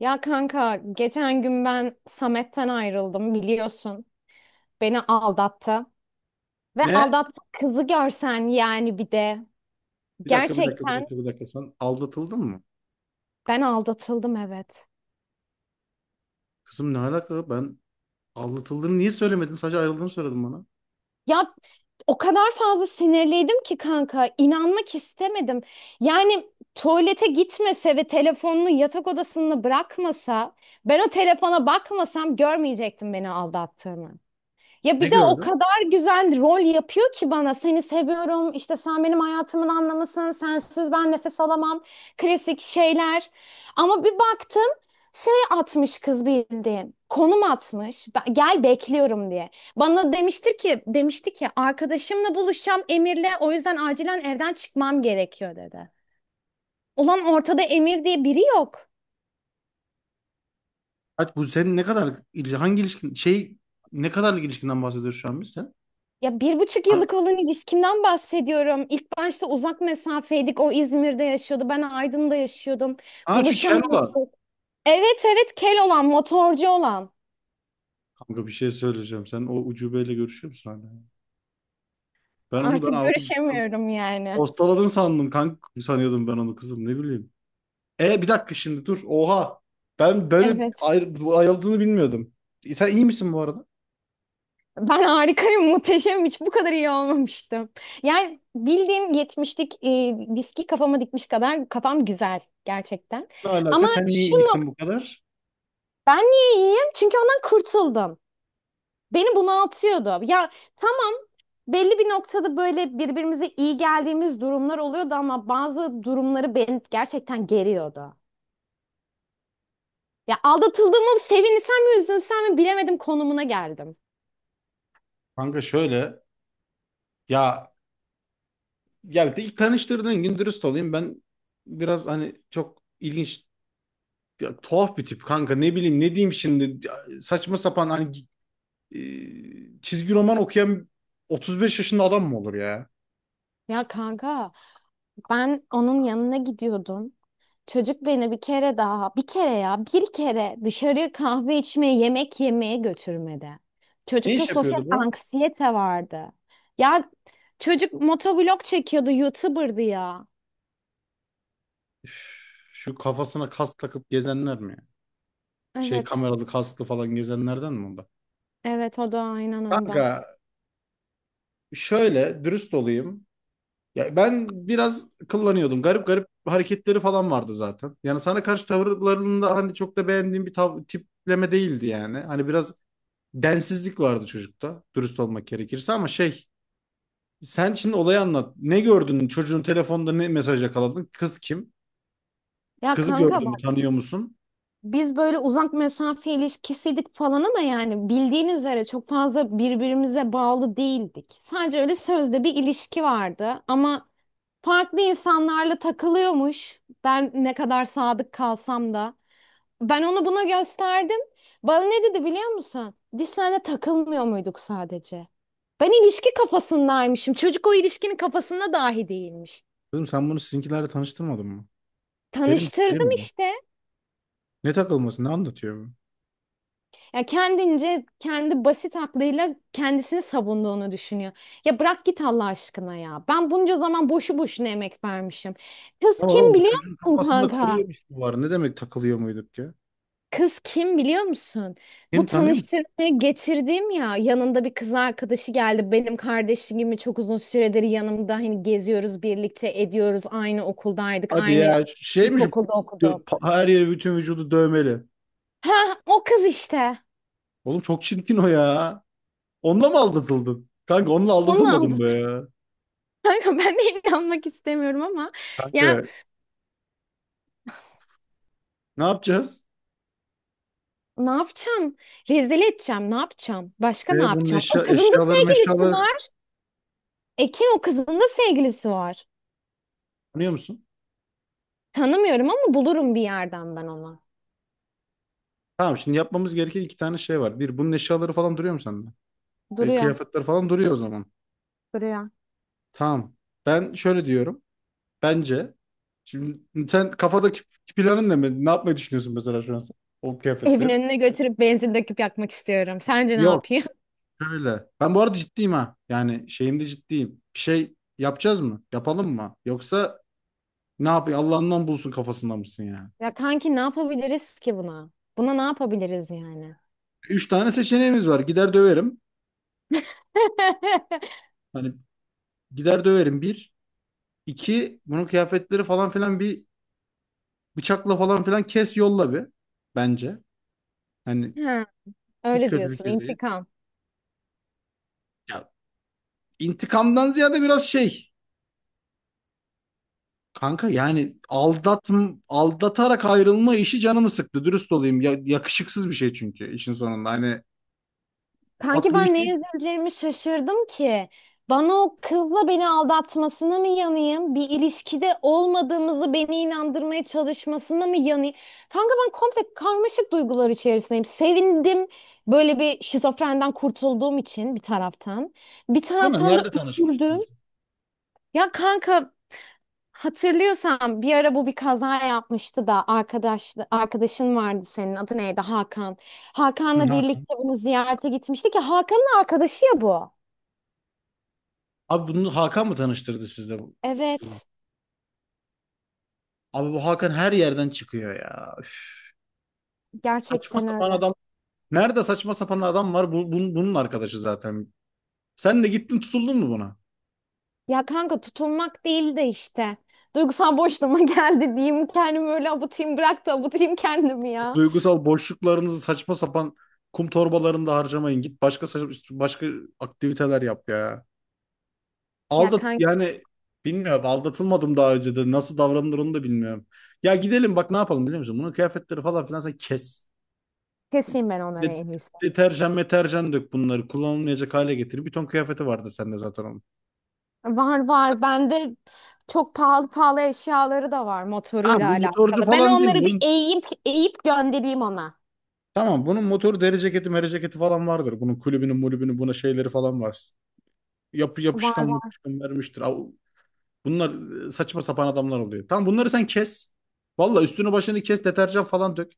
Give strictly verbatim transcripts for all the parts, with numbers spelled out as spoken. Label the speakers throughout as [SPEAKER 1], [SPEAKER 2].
[SPEAKER 1] Ya kanka geçen gün ben Samet'ten ayrıldım biliyorsun. Beni aldattı. Ve
[SPEAKER 2] Ne?
[SPEAKER 1] aldattı kızı görsen yani bir de.
[SPEAKER 2] Bir dakika, bir dakika, bir
[SPEAKER 1] Gerçekten
[SPEAKER 2] dakika, bir dakika. Sen aldatıldın mı?
[SPEAKER 1] ben aldatıldım, evet.
[SPEAKER 2] Kızım ne alaka? Ben aldatıldığını niye söylemedin? Sadece ayrıldığını söyledin bana.
[SPEAKER 1] Ya o kadar fazla sinirliydim ki kanka inanmak istemedim. Yani tuvalete gitmese ve telefonunu yatak odasında bırakmasa ben o telefona bakmasam görmeyecektim beni aldattığını. Ya
[SPEAKER 2] Ne
[SPEAKER 1] bir de o
[SPEAKER 2] gördün?
[SPEAKER 1] kadar güzel rol yapıyor ki bana. Seni seviyorum, işte sen benim hayatımın anlamısın, sensiz ben nefes alamam. Klasik şeyler. Ama bir baktım şey atmış kız bildiğin. Konum atmış. "Ben- Gel bekliyorum" diye. Bana demiştir ki, demişti ki arkadaşımla buluşacağım Emir'le, o yüzden acilen evden çıkmam gerekiyor dedi. Ulan ortada Emir diye biri yok.
[SPEAKER 2] Hadi bu senin ne kadar ilişki, hangi ilişkin, şey, ne kadarlık ilişkinden bahsediyoruz şu an biz sen?
[SPEAKER 1] Ya bir buçuk
[SPEAKER 2] Ha,
[SPEAKER 1] yıllık olan ilişkimden bahsediyorum. İlk başta uzak mesafeydik. O İzmir'de yaşıyordu. Ben Aydın'da yaşıyordum.
[SPEAKER 2] ha şu kel olan.
[SPEAKER 1] Buluşamamıştık. Evet evet, kel olan, motorcu olan.
[SPEAKER 2] Kanka bir şey söyleyeceğim. Sen o ucubeyle görüşüyor musun hala? Ben onu ben
[SPEAKER 1] Artık
[SPEAKER 2] aldım. Çok
[SPEAKER 1] görüşemiyorum yani.
[SPEAKER 2] postaladın sandım kanka. Sanıyordum ben onu kızım ne bileyim. E bir dakika şimdi dur. Oha. Ben böyle
[SPEAKER 1] Evet.
[SPEAKER 2] ayrı, bu ayrıldığını bilmiyordum. E, Sen iyi misin bu arada?
[SPEAKER 1] Ben harikayım, muhteşemim. Hiç bu kadar iyi olmamıştım. Yani bildiğin yetmişlik e, viski kafama dikmiş kadar kafam güzel gerçekten.
[SPEAKER 2] Ne alaka?
[SPEAKER 1] Ama
[SPEAKER 2] Sen niye
[SPEAKER 1] şu
[SPEAKER 2] iyisin
[SPEAKER 1] nokta,
[SPEAKER 2] bu kadar?
[SPEAKER 1] ben niye iyiyim? Çünkü ondan kurtuldum. Beni bunaltıyordu. Ya tamam, belli bir noktada böyle birbirimize iyi geldiğimiz durumlar oluyordu ama bazı durumları beni gerçekten geriyordu. Ya aldatıldığımı sevinsem mi üzülsem mi bilemedim konumuna geldim.
[SPEAKER 2] Kanka şöyle, ya ya ilk tanıştırdığın gün dürüst olayım, ben biraz hani çok ilginç, ya, tuhaf bir tip kanka, ne bileyim ne diyeyim şimdi. Ya, saçma sapan hani, e, çizgi roman okuyan otuz beş yaşında adam mı olur ya?
[SPEAKER 1] Ya kanka, ben onun yanına gidiyordum. Çocuk beni bir kere daha, bir kere ya, bir kere dışarıya kahve içmeye, yemek yemeye götürmedi.
[SPEAKER 2] Ne
[SPEAKER 1] Çocukta
[SPEAKER 2] iş
[SPEAKER 1] sosyal
[SPEAKER 2] yapıyordu bu?
[SPEAKER 1] anksiyete vardı. Ya çocuk motovlog çekiyordu, YouTuber'dı ya.
[SPEAKER 2] Üf, şu kafasına kas takıp gezenler mi, ya? Şey
[SPEAKER 1] Evet,
[SPEAKER 2] kameralı kaslı falan gezenlerden mi bu?
[SPEAKER 1] evet o da aynen
[SPEAKER 2] Kanka
[SPEAKER 1] ondan.
[SPEAKER 2] şöyle dürüst olayım. Ya ben biraz kullanıyordum. Garip garip hareketleri falan vardı zaten. Yani sana karşı tavırlarında hani çok da beğendiğim bir tav- tipleme değildi yani. Hani biraz densizlik vardı çocukta. Dürüst olmak gerekirse, ama şey sen şimdi olayı anlat. Ne gördün? Çocuğun telefonda ne mesaj yakaladın? Kız kim?
[SPEAKER 1] Ya
[SPEAKER 2] Kızı
[SPEAKER 1] kanka,
[SPEAKER 2] gördün mü? Tanıyor musun?
[SPEAKER 1] biz böyle uzak mesafe ilişkisiydik falan ama yani bildiğin üzere çok fazla birbirimize bağlı değildik. Sadece öyle sözde bir ilişki vardı ama farklı insanlarla takılıyormuş. Ben ne kadar sadık kalsam da. Ben onu buna gösterdim. Bana ne dedi biliyor musun? Biz seninle takılmıyor muyduk sadece? Ben ilişki kafasındaymışım. Çocuk o ilişkinin kafasında dahi değilmiş.
[SPEAKER 2] Kızım sen bunu sizinkilerle tanıştırmadın mı? Deli mi? Deli
[SPEAKER 1] Tanıştırdım
[SPEAKER 2] mi bu?
[SPEAKER 1] işte.
[SPEAKER 2] Ne takılması? Ne anlatıyor bu?
[SPEAKER 1] Ya kendince kendi basit aklıyla kendisini savunduğunu düşünüyor. Ya bırak git Allah aşkına ya. Ben bunca zaman boşu boşuna emek vermişim. Kız
[SPEAKER 2] Ne var
[SPEAKER 1] kim
[SPEAKER 2] oğlum? Bu
[SPEAKER 1] biliyor
[SPEAKER 2] çocuğun
[SPEAKER 1] musun
[SPEAKER 2] kafasında kuru
[SPEAKER 1] kanka?
[SPEAKER 2] yemiş mi var? Ne demek takılıyor muyduk ya?
[SPEAKER 1] Kız kim biliyor musun?
[SPEAKER 2] Kim
[SPEAKER 1] Bu
[SPEAKER 2] tanıyor musun?
[SPEAKER 1] tanıştırmaya getirdim ya, yanında bir kız arkadaşı geldi. Benim kardeşim gibi çok uzun süredir yanımda, hani geziyoruz birlikte ediyoruz. Aynı okuldaydık.
[SPEAKER 2] Hadi
[SPEAKER 1] Aynı
[SPEAKER 2] ya şeymiş,
[SPEAKER 1] ilkokulda okuduk.
[SPEAKER 2] dö- pa- her yeri bütün vücudu dövmeli.
[SPEAKER 1] Ha, o kız işte.
[SPEAKER 2] Oğlum çok çirkin o ya. Onunla mı aldatıldın? Kanka onunla
[SPEAKER 1] Onu
[SPEAKER 2] aldatılmadım
[SPEAKER 1] aldım.
[SPEAKER 2] be ya.
[SPEAKER 1] Kanka ben de inanmak istemiyorum ama
[SPEAKER 2] Kanka
[SPEAKER 1] ya,
[SPEAKER 2] ne yapacağız?
[SPEAKER 1] ne yapacağım? Rezil edeceğim. Ne yapacağım? Başka ne
[SPEAKER 2] E, bunun
[SPEAKER 1] yapacağım? O
[SPEAKER 2] eşya,
[SPEAKER 1] kızın da
[SPEAKER 2] eşyaları
[SPEAKER 1] sevgilisi
[SPEAKER 2] eşyaları
[SPEAKER 1] var. Ekin, o kızın da sevgilisi var.
[SPEAKER 2] tanıyor musun?
[SPEAKER 1] Tanımıyorum ama bulurum bir yerden ben onu.
[SPEAKER 2] Tamam şimdi yapmamız gereken iki tane şey var. Bir, bunun eşyaları falan duruyor mu sende? E,
[SPEAKER 1] Duruyor,
[SPEAKER 2] kıyafetler falan duruyor o zaman.
[SPEAKER 1] duruyor.
[SPEAKER 2] Tamam. Ben şöyle diyorum. Bence şimdi sen kafadaki planın ne? Ne yapmayı düşünüyorsun mesela şu an sen? O
[SPEAKER 1] Evin
[SPEAKER 2] kıyafetleri.
[SPEAKER 1] önüne götürüp benzin döküp yakmak istiyorum. Sence ne
[SPEAKER 2] Yok.
[SPEAKER 1] yapayım?
[SPEAKER 2] Şöyle. Ben bu arada ciddiyim ha. Yani şeyimde ciddiyim. Bir şey yapacağız mı? Yapalım mı? Yoksa ne yapayım? Allah'ından bulsun kafasında mısın yani?
[SPEAKER 1] Ya kanki ne yapabiliriz ki buna? Buna ne yapabiliriz yani?
[SPEAKER 2] Üç tane seçeneğimiz var. Gider döverim. Hani gider döverim bir. İki, bunun kıyafetleri falan filan bir bıçakla falan filan kes yolla bir. Bence. Hani
[SPEAKER 1] Ha,
[SPEAKER 2] hiç
[SPEAKER 1] öyle
[SPEAKER 2] kötü bir
[SPEAKER 1] diyorsun.
[SPEAKER 2] fikir değil.
[SPEAKER 1] İntikam.
[SPEAKER 2] Ya intikamdan ziyade biraz şey. Kanka yani aldat aldatarak ayrılma işi canımı sıktı. Dürüst olayım. Ya, yakışıksız bir şey çünkü işin sonunda. Hani
[SPEAKER 1] Kanki
[SPEAKER 2] tatlı bir
[SPEAKER 1] ben
[SPEAKER 2] şey,
[SPEAKER 1] neye üzüleceğimi şaşırdım ki. Bana o kızla beni aldatmasına mı yanayım? Bir ilişkide olmadığımızı beni inandırmaya çalışmasına mı yanayım? Kanka ben komple karmaşık duygular içerisindeyim. Sevindim böyle bir şizofrenden kurtulduğum için bir taraftan. Bir
[SPEAKER 2] ama
[SPEAKER 1] taraftan da
[SPEAKER 2] nerede
[SPEAKER 1] üzüldüm.
[SPEAKER 2] tanışmıştınız?
[SPEAKER 1] Ya kanka, hatırlıyorsan bir ara bu bir kaza yapmıştı da arkadaş arkadaşın vardı senin, adı neydi, Hakan.
[SPEAKER 2] Hı,
[SPEAKER 1] Hakan'la
[SPEAKER 2] Hakan.
[SPEAKER 1] birlikte bunu ziyarete gitmiştik ya, Hakan'ın arkadaşı ya bu.
[SPEAKER 2] Abi bunu Hakan mı tanıştırdı sizde bu, sizi?
[SPEAKER 1] Evet,
[SPEAKER 2] Abi bu Hakan her yerden çıkıyor ya. Üf. Saçma
[SPEAKER 1] gerçekten
[SPEAKER 2] sapan
[SPEAKER 1] öyle.
[SPEAKER 2] adam. Nerede saçma sapan adam var? Bu, bunun, bunun arkadaşı zaten. Sen de gittin tutuldun mu buna?
[SPEAKER 1] Ya kanka, tutulmak değil de işte. Duygusal boşluğuma geldi diyeyim, kendimi öyle abutayım, bırak da abutayım kendimi ya.
[SPEAKER 2] Duygusal boşluklarınızı saçma sapan kum torbalarında harcamayın. Git başka sa- başka aktiviteler yap ya.
[SPEAKER 1] Ya
[SPEAKER 2] Aldat
[SPEAKER 1] kanka,
[SPEAKER 2] yani bilmiyorum, aldatılmadım daha önce de nasıl davranılır onu da bilmiyorum. Ya gidelim, bak ne yapalım biliyor musun? Bunun kıyafetleri falan filan sen kes.
[SPEAKER 1] keseyim ben onları
[SPEAKER 2] De-
[SPEAKER 1] en iyisi.
[SPEAKER 2] Deterjan meterjan dök, bunları kullanılmayacak hale getir. Bir ton kıyafeti vardır sende zaten onun.
[SPEAKER 1] Var var, bende çok pahalı pahalı eşyaları da var
[SPEAKER 2] Ha
[SPEAKER 1] motoruyla
[SPEAKER 2] bu motorcu
[SPEAKER 1] alakalı. Ben
[SPEAKER 2] falan değil mi?
[SPEAKER 1] onları bir
[SPEAKER 2] Bunun,
[SPEAKER 1] eğip eğip göndereyim ona.
[SPEAKER 2] tamam bunun motoru, deri ceketi meri ceketi falan vardır. Bunun kulübünün mulübünün buna şeyleri falan var. Yapı
[SPEAKER 1] Var
[SPEAKER 2] yapışkan
[SPEAKER 1] var.
[SPEAKER 2] yapışkan vermiştir. Av- Bunlar e, saçma sapan adamlar oluyor. Tamam bunları sen kes. Valla üstünü başını kes, deterjan falan dök.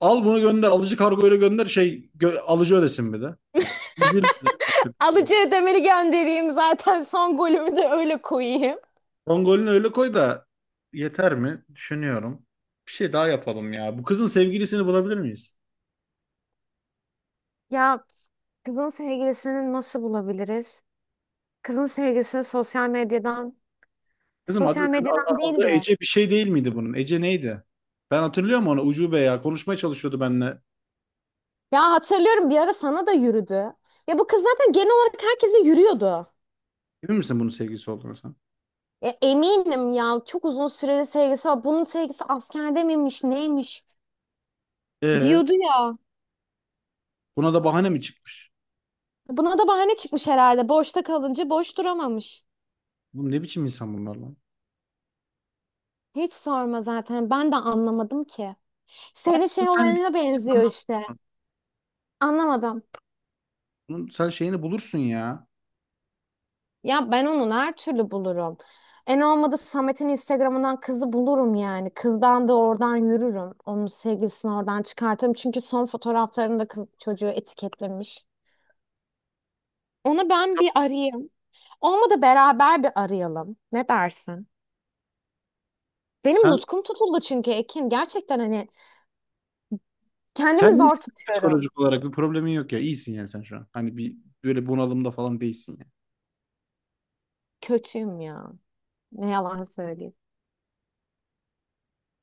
[SPEAKER 2] Al bunu gönder, alıcı kargoyla gönder, şey gö- alıcı ödesin bir de. Üzülme.
[SPEAKER 1] Alıcı ödemeli göndereyim zaten, son golümü de öyle koyayım.
[SPEAKER 2] Son golünü öyle koy da yeter mi? Düşünüyorum. Bir şey daha yapalım ya. Bu kızın sevgilisini bulabilir miyiz?
[SPEAKER 1] Ya kızın sevgilisini nasıl bulabiliriz? Kızın sevgilisini sosyal medyadan,
[SPEAKER 2] Kızım adı,
[SPEAKER 1] sosyal
[SPEAKER 2] kız-
[SPEAKER 1] medyadan
[SPEAKER 2] a- adı
[SPEAKER 1] değil de.
[SPEAKER 2] Ece bir şey değil miydi bunun? Ece neydi? Ben hatırlıyorum onu. Ucube ya. Konuşmaya çalışıyordu benimle.
[SPEAKER 1] Ya hatırlıyorum, bir ara sana da yürüdü. Ya bu kız zaten genel olarak herkese yürüyordu.
[SPEAKER 2] Emin misin bunun sevgilisi olduğunu sen?
[SPEAKER 1] E, eminim ya, çok uzun süreli sevgisi var. Bunun sevgisi askerde miymiş neymiş
[SPEAKER 2] Ee,
[SPEAKER 1] diyordu ya.
[SPEAKER 2] Buna da bahane mi çıkmış?
[SPEAKER 1] Buna da bahane çıkmış herhalde. Boşta kalınca boş duramamış.
[SPEAKER 2] Oğlum ne biçim insan bunlar lan?
[SPEAKER 1] Hiç sorma, zaten ben de anlamadım ki. Senin
[SPEAKER 2] Dur.
[SPEAKER 1] şey
[SPEAKER 2] Sen
[SPEAKER 1] olayına benziyor
[SPEAKER 2] Instagram'dan
[SPEAKER 1] işte.
[SPEAKER 2] bulursun.
[SPEAKER 1] Anlamadım.
[SPEAKER 2] Bunun, sen şeyini bulursun ya.
[SPEAKER 1] Ya ben onu her türlü bulurum. En olmadı Samet'in Instagram'ından kızı bulurum yani. Kızdan da oradan yürürüm. Onun sevgilisini oradan çıkartırım. Çünkü son fotoğraflarında kız çocuğu etiketlemiş. Onu ben bir arayayım. Olmadı beraber bir arayalım. Ne dersin? Benim
[SPEAKER 2] Sen
[SPEAKER 1] nutkum tutuldu çünkü Ekin. Gerçekten hani kendimi
[SPEAKER 2] sen
[SPEAKER 1] zor
[SPEAKER 2] iyisin,
[SPEAKER 1] tutuyorum.
[SPEAKER 2] psikolojik olarak bir problemin yok ya. İyisin yani sen şu an. Hani bir böyle bunalımda falan değilsin ya.
[SPEAKER 1] Kötüyüm ya. Ne yalan söyleyeyim.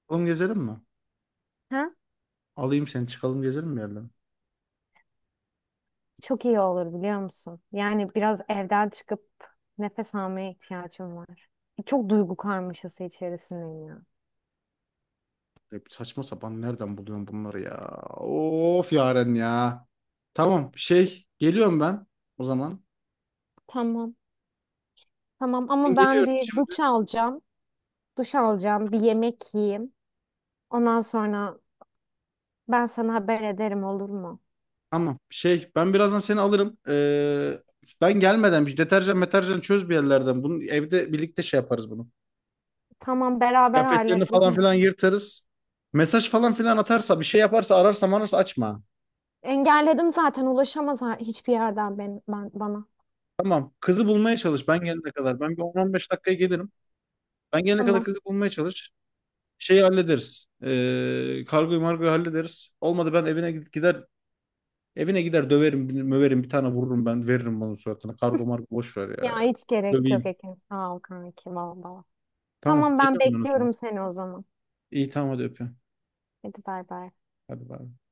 [SPEAKER 2] Oğlum gezelim mi?
[SPEAKER 1] Ha?
[SPEAKER 2] Alayım seni, çıkalım gezelim bir yerden.
[SPEAKER 1] Çok iyi olur biliyor musun? Yani biraz evden çıkıp nefes almaya ihtiyacım var. Çok duygu karmaşası içerisindeyim ya.
[SPEAKER 2] Hep saçma sapan nereden buluyorum bunları ya? Of Yaren ya. Tamam şey geliyorum ben o zaman.
[SPEAKER 1] Tamam. Tamam,
[SPEAKER 2] Ben
[SPEAKER 1] ama ben
[SPEAKER 2] geliyorum
[SPEAKER 1] bir
[SPEAKER 2] şimdi.
[SPEAKER 1] duş alacağım. Duş alacağım, bir yemek yiyeyim. Ondan sonra ben sana haber ederim, olur mu?
[SPEAKER 2] Tamam şey ben birazdan seni alırım. Ee, ben gelmeden bir deterjan meterjan çöz bir yerlerden. Bunu evde birlikte şey yaparız bunu.
[SPEAKER 1] Tamam, beraber
[SPEAKER 2] Kıyafetlerini falan
[SPEAKER 1] halledelim.
[SPEAKER 2] filan yırtarız. Mesaj falan filan atarsa, bir şey yaparsa, ararsa manarsa açma.
[SPEAKER 1] Engelledim zaten, ulaşamaz ha- hiçbir yerden ben, ben bana.
[SPEAKER 2] Tamam kızı bulmaya çalış ben gelene kadar. Ben bir on on beş dakikaya gelirim. Ben gelene kadar
[SPEAKER 1] Tamam.
[SPEAKER 2] kızı bulmaya çalış. Şeyi hallederiz. Ee, kargoyu margoyu hallederiz. Olmadı ben evine gid- gider evine gider döverim, bir- möverim, bir tane vururum ben, veririm bunun suratına. Kargo margo boş ver
[SPEAKER 1] Ya
[SPEAKER 2] ya.
[SPEAKER 1] hiç gerek yok
[SPEAKER 2] Döveyim.
[SPEAKER 1] Ekin. Sağ ol kanki, valla.
[SPEAKER 2] Tamam.
[SPEAKER 1] Tamam ben
[SPEAKER 2] Geliyorum ben o zaman.
[SPEAKER 1] bekliyorum seni o zaman.
[SPEAKER 2] İyi tamam hadi öpüyorum.
[SPEAKER 1] Hadi bay bay.
[SPEAKER 2] Hadi bay. Bay.